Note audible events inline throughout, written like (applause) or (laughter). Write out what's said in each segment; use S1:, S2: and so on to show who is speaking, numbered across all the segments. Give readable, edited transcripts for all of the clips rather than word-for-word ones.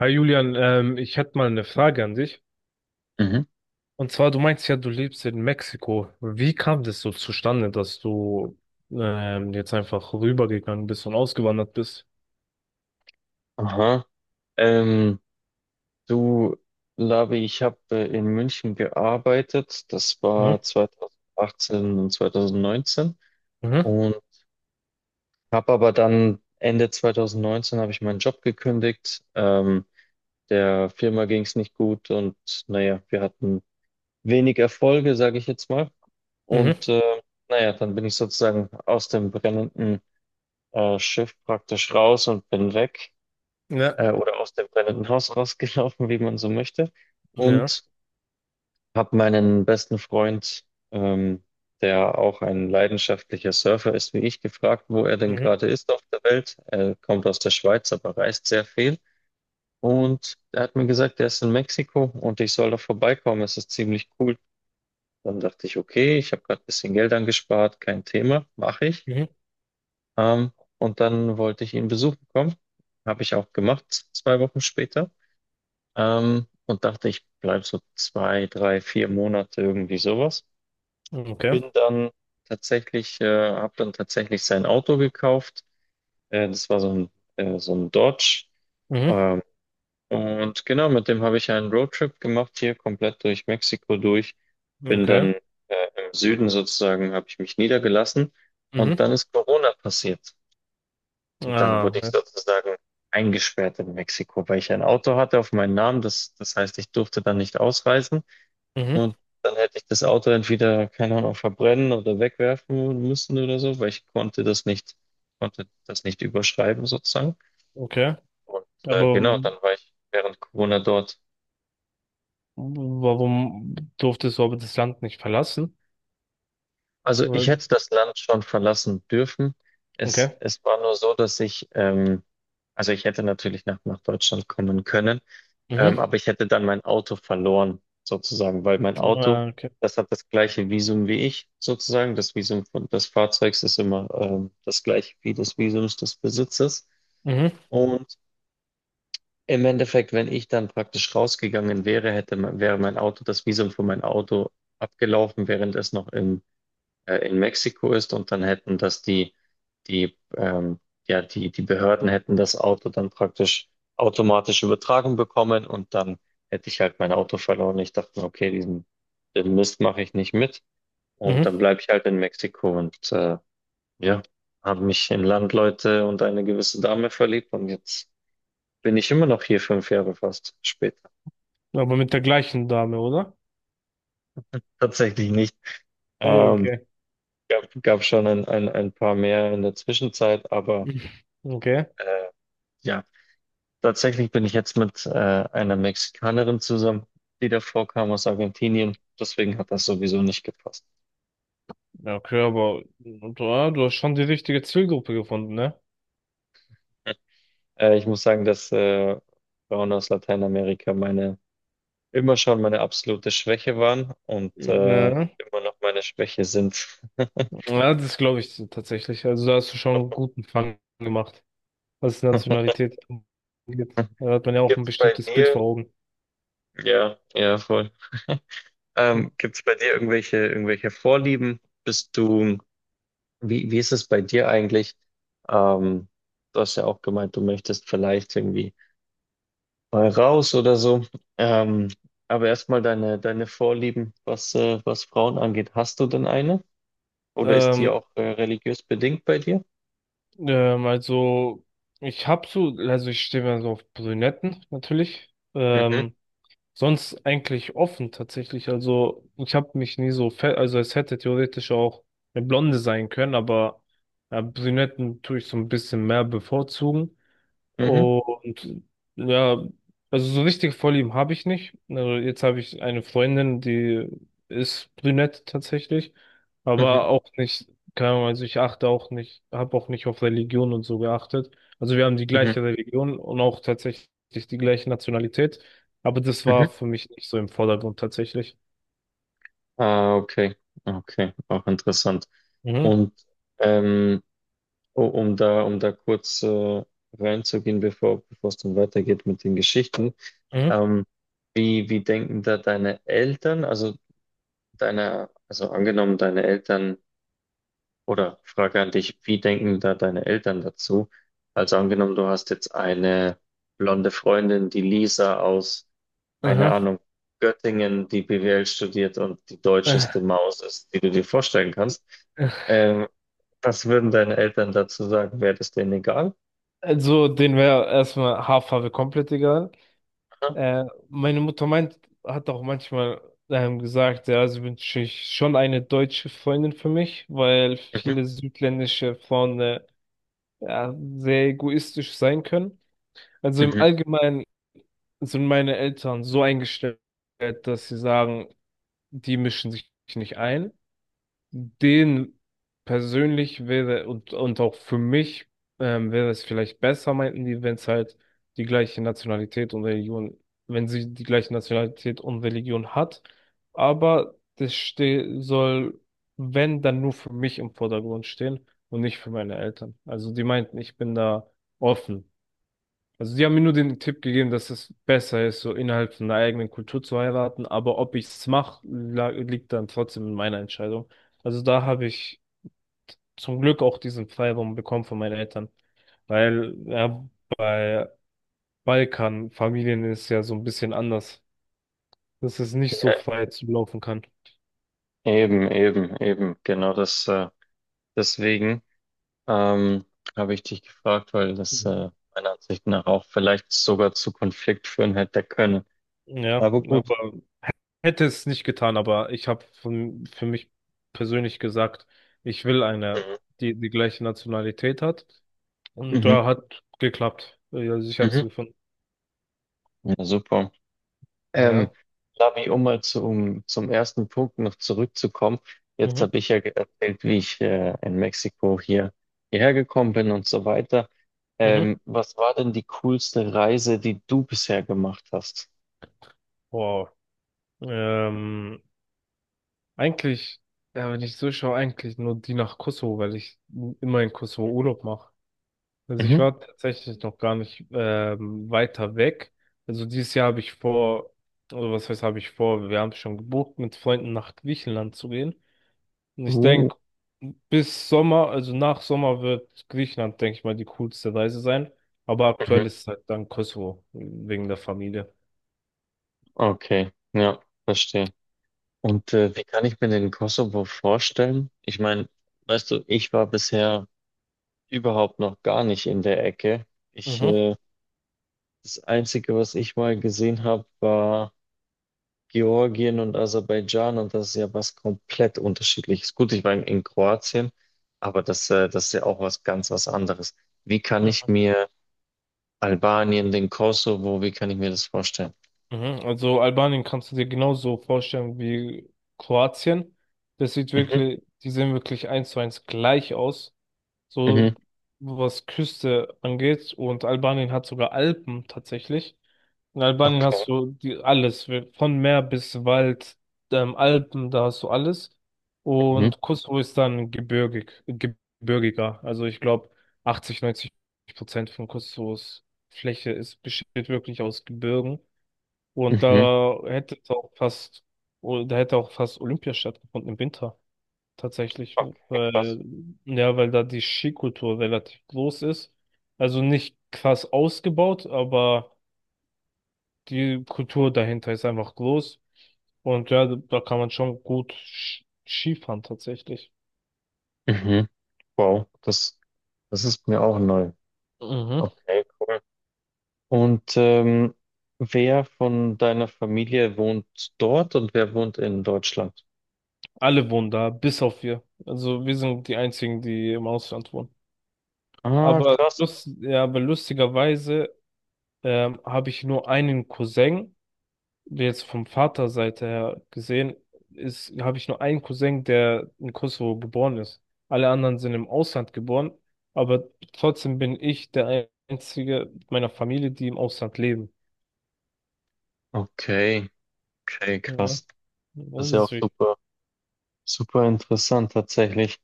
S1: Hi Julian, ich hätte mal eine Frage an dich.
S2: Mhm.
S1: Und zwar, du meinst ja, du lebst in Mexiko. Wie kam das so zustande, dass du jetzt einfach rübergegangen bist und ausgewandert bist?
S2: Aha. Ähm, du, Labi, ich habe in München gearbeitet. Das
S1: Mhm.
S2: war 2018 und 2019.
S1: Mhm.
S2: Und habe aber dann Ende 2019 habe ich meinen Job gekündigt. Der Firma ging es nicht gut und naja, wir hatten wenig Erfolge, sage ich jetzt mal.
S1: Mhm.
S2: Und äh, naja, dann bin ich sozusagen aus dem brennenden Schiff praktisch raus und bin weg.
S1: Ja.
S2: Oder aus dem brennenden Haus rausgelaufen, wie man so möchte.
S1: Ja.
S2: Und habe meinen besten Freund, ähm, der auch ein leidenschaftlicher Surfer ist wie ich, gefragt, wo er denn
S1: Mhm.
S2: gerade ist auf der Welt. Er kommt aus der Schweiz, aber reist sehr viel. Und er hat mir gesagt, er ist in Mexiko und ich soll da vorbeikommen. Es ist ziemlich cool. Dann dachte ich, okay, ich habe gerade ein bisschen Geld angespart, kein Thema, mache ich.
S1: Mhm.
S2: Ähm, und dann wollte ich ihn besuchen kommen. Habe ich auch gemacht, 2 Wochen später. Und dachte, ich bleibe so zwei, drei, vier Monate, irgendwie sowas.
S1: Okay.
S2: Bin dann Habe dann tatsächlich sein Auto gekauft. Das war so ein Dodge.
S1: Mhm.
S2: Ähm, und genau, mit dem habe ich einen Roadtrip gemacht, hier komplett durch Mexiko durch. Bin
S1: Okay.
S2: dann äh, im Süden sozusagen, habe ich mich niedergelassen. Und
S1: Mhm.
S2: dann ist Corona passiert. Und dann
S1: Ah,
S2: wurde ich
S1: ja.
S2: sozusagen eingesperrt in Mexiko, weil ich ein Auto hatte auf meinen Namen. Das heißt, ich durfte dann nicht ausreisen.
S1: Mhm.
S2: Und dann hätte ich das Auto entweder, keine Ahnung, verbrennen oder wegwerfen müssen oder so, weil ich konnte das nicht überschreiben sozusagen.
S1: Okay. Aber
S2: Genau, dann war ich während Corona dort.
S1: warum durftest du aber das Land nicht verlassen?
S2: Also ich
S1: Weil-
S2: hätte das Land schon verlassen dürfen. Es,
S1: Okay.
S2: es war nur so, dass ich, also ich hätte natürlich nach Deutschland kommen können,
S1: Mhm.
S2: aber ich hätte dann mein Auto verloren, sozusagen, weil mein Auto,
S1: Ah, okay.
S2: das hat das gleiche Visum wie ich, sozusagen. Das Visum von, des Fahrzeugs ist immer, das gleiche wie das Visums des Besitzers.
S1: Mhm.
S2: Und im Endeffekt, wenn ich dann praktisch rausgegangen wäre, wäre mein Auto, das Visum für mein Auto abgelaufen, während es noch im in Mexiko ist, und dann hätten das die, ähm, die Behörden hätten das Auto dann praktisch automatisch übertragen bekommen und dann hätte ich halt mein Auto verloren. Ich dachte mir, okay, den Mist mache ich nicht mit, und
S1: Mhm.
S2: dann bleibe ich halt in Mexiko ja, habe mich in Landleute und eine gewisse Dame verliebt, und jetzt bin ich immer noch hier, 5 Jahre fast später.
S1: Aber mit der gleichen Dame, oder?
S2: Tatsächlich nicht. Ähm,
S1: Okay.
S2: gab schon ein paar mehr in der Zwischenzeit, aber
S1: Okay.
S2: äh, ja. Tatsächlich bin ich jetzt mit einer Mexikanerin zusammen, die davor kam aus Argentinien. Deswegen hat das sowieso nicht gepasst.
S1: Ja, okay, aber ja, du hast schon die richtige Zielgruppe gefunden, ne?
S2: (laughs) Ich muss sagen, dass Frauen aus Lateinamerika meine immer schon meine absolute Schwäche waren
S1: Ja,
S2: immer noch meine Schwäche sind.
S1: ja, das glaube ich tatsächlich. Also da hast du schon einen guten Fang gemacht, was Nationalität angeht.
S2: (laughs)
S1: Da hat man ja auch ein
S2: Gibt's bei
S1: bestimmtes Bild
S2: dir?
S1: vor Augen.
S2: Ja, ja, voll. (laughs) Gibt's bei dir irgendwelche Vorlieben? Bist du Wie, wie ist es bei dir eigentlich? Ähm, Du hast ja auch gemeint, du möchtest vielleicht irgendwie mal raus oder so. Ähm, aber erstmal deine Vorlieben, was, was Frauen angeht. Hast du denn eine? Oder ist die
S1: Ähm,
S2: auch religiös bedingt bei dir?
S1: also ich habe so, also ich stehe mir so auf Brünetten natürlich.
S2: Mhm,
S1: Sonst eigentlich offen tatsächlich. Also ich habe mich nie so fett, also es hätte theoretisch auch eine Blonde sein können, aber Brünetten tue ich so ein bisschen mehr bevorzugen.
S2: mhm,
S1: Und ja, also so richtige Vorlieben habe ich nicht. Also jetzt habe ich eine Freundin, die ist brünett tatsächlich,
S2: mhm,
S1: aber auch nicht, keine Ahnung, also ich achte auch nicht, habe auch nicht auf Religion und so geachtet. Also wir haben die
S2: mhm,
S1: gleiche Religion und auch tatsächlich die gleiche Nationalität, aber das
S2: mhm.
S1: war für mich nicht so im Vordergrund tatsächlich.
S2: Ah, okay, okay, auch interessant.
S1: Mhm.
S2: Und ähm, Oh, um da kurz reinzugehen, bevor es dann weitergeht mit den Geschichten.
S1: Mhm.
S2: Ähm, wie denken da deine Eltern, also angenommen deine Eltern, oder Frage an dich, wie denken da deine Eltern dazu? Also angenommen, du hast jetzt eine blonde Freundin, die Lisa aus, keine
S1: Aha.
S2: Ahnung, Göttingen, die BWL studiert und die deutscheste
S1: (laughs)
S2: Maus ist, die du dir vorstellen kannst. Ähm, Was würden deine Eltern dazu sagen? Wäre das denen egal?
S1: Also, den wäre erstmal Haarfarbe komplett egal. Äh, meine Mutter meint, hat auch manchmal gesagt, ja, sie wünsche ich schon eine deutsche Freundin für mich, weil
S2: Mhm,
S1: viele südländische Frauen ja, sehr egoistisch sein können. Also im
S2: mhm.
S1: Allgemeinen sind meine Eltern so eingestellt, dass sie sagen, die mischen sich nicht ein. Den persönlich wäre und auch für mich wäre es vielleicht besser, meinten die, wenn es halt die gleiche Nationalität und Religion, wenn sie die gleiche Nationalität und Religion hat. Aber das ste soll, wenn, dann nur für mich im Vordergrund stehen und nicht für meine Eltern. Also die meinten, ich bin da offen. Also sie haben mir nur den Tipp gegeben, dass es besser ist, so innerhalb von der eigenen Kultur zu heiraten, aber ob ich es mache, liegt dann trotzdem in meiner Entscheidung. Also da habe ich zum Glück auch diesen Freiraum bekommen von meinen Eltern, weil ja, bei Balkanfamilien ist es ja so ein bisschen anders, dass es nicht so
S2: Ja,
S1: frei zu laufen kann.
S2: eben. Genau das, deswegen ähm, habe ich dich gefragt, weil das
S1: Mhm.
S2: meiner Ansicht nach auch vielleicht sogar zu Konflikt führen hätte können.
S1: Ja,
S2: Aber gut.
S1: aber hätte es nicht getan, aber ich habe von- für mich persönlich gesagt, ich will eine,
S2: Mhm,
S1: die die gleiche Nationalität hat. Und
S2: mhm,
S1: da hat geklappt. Ja, also ich habe
S2: mhm.
S1: sie gefunden.
S2: Ja, super. Ähm,
S1: Naja.
S2: Lavi, um mal zu, um, zum ersten Punkt noch zurückzukommen. Jetzt
S1: Mhm.
S2: habe ich ja erzählt, wie ich in Mexiko hierher gekommen bin und so weiter.
S1: Mhm.
S2: Was war denn die coolste Reise, die du bisher gemacht hast?
S1: Wow. Ähm, eigentlich, ja, wenn ich so schaue, eigentlich nur die nach Kosovo, weil ich immer in Kosovo Urlaub mache. Also ich war tatsächlich noch gar nicht weiter weg. Also dieses Jahr habe ich vor, oder was heißt, habe ich vor, wir haben schon gebucht, mit Freunden nach Griechenland zu gehen. Und ich
S2: Uh,
S1: denke, bis Sommer, also nach Sommer wird Griechenland, denke ich mal, die coolste Reise sein. Aber
S2: Mhm.
S1: aktuell ist es halt dann Kosovo, wegen der Familie.
S2: Okay, ja, verstehe. Und wie kann ich mir den Kosovo vorstellen? Ich meine, weißt du, ich war bisher überhaupt noch gar nicht in der Ecke. Ich,
S1: Mhm,
S2: äh, Das Einzige, was ich mal gesehen habe, war Georgien und Aserbaidschan, und das ist ja was komplett unterschiedliches. Gut, ich war in Kroatien, aber das ist ja auch was ganz was anderes. Wie kann ich
S1: mhm,
S2: mir Albanien, den Kosovo, wie kann ich mir das vorstellen?
S1: mhm. Also Albanien kannst du dir genauso vorstellen wie Kroatien. Das sieht
S2: Mhm,
S1: wirklich, die sehen wirklich eins zu eins gleich aus, so
S2: mhm,
S1: was Küste angeht. Und Albanien hat sogar Alpen tatsächlich. In Albanien
S2: okay,
S1: hast du die, alles, wir- von Meer bis Wald, Alpen, da hast du alles.
S2: mhm,
S1: Und Kosovo ist dann gebirgig, gebirgiger. Also ich glaube, 80-90% von Kosovos Fläche ist, besteht wirklich aus Gebirgen. Und
S2: mhm.
S1: da hätte es auch fast, oh, da hätte auch fast Olympia stattgefunden im Winter tatsächlich,
S2: Okay, krass.
S1: weil, ja, weil da die Skikultur relativ groß ist. Also nicht krass ausgebaut, aber die Kultur dahinter ist einfach groß. Und ja, da kann man schon gut Skifahren tatsächlich.
S2: Mhm. Wow, das ist mir auch neu.
S1: Mhm.
S2: Okay, cool. Und ähm, Wer von deiner Familie wohnt dort und wer wohnt in Deutschland?
S1: Alle wohnen da, bis auf wir. Also wir sind die einzigen, die im Ausland wohnen.
S2: Ah,
S1: Aber,
S2: krass.
S1: ja, aber lustigerweise habe ich nur einen Cousin. Jetzt vom Vaterseite her gesehen, ist, habe ich nur einen Cousin, der in Kosovo geboren ist. Alle anderen sind im Ausland geboren, aber trotzdem bin ich der einzige meiner Familie, die im Ausland leben.
S2: Okay, okay,
S1: Ja,
S2: krass. Das ist
S1: das
S2: ja auch
S1: ist wichtig.
S2: super, super interessant tatsächlich.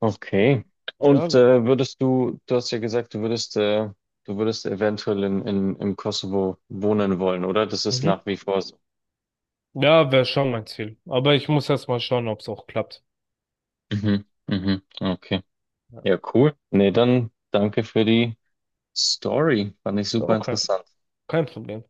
S2: Okay.
S1: Ja,
S2: Und
S1: gut.
S2: du hast ja gesagt, du würdest eventuell im Kosovo wohnen wollen, oder? Das ist
S1: Mhm.
S2: nach wie vor so.
S1: Ja, wäre schon mein Ziel. Aber ich muss erst mal schauen, ob es auch klappt.
S2: Mhm, mhm, okay.
S1: Ja,
S2: Ja, cool. Nee, dann danke für die Story. Fand ich super
S1: auch kein,
S2: interessant.
S1: kein Problem.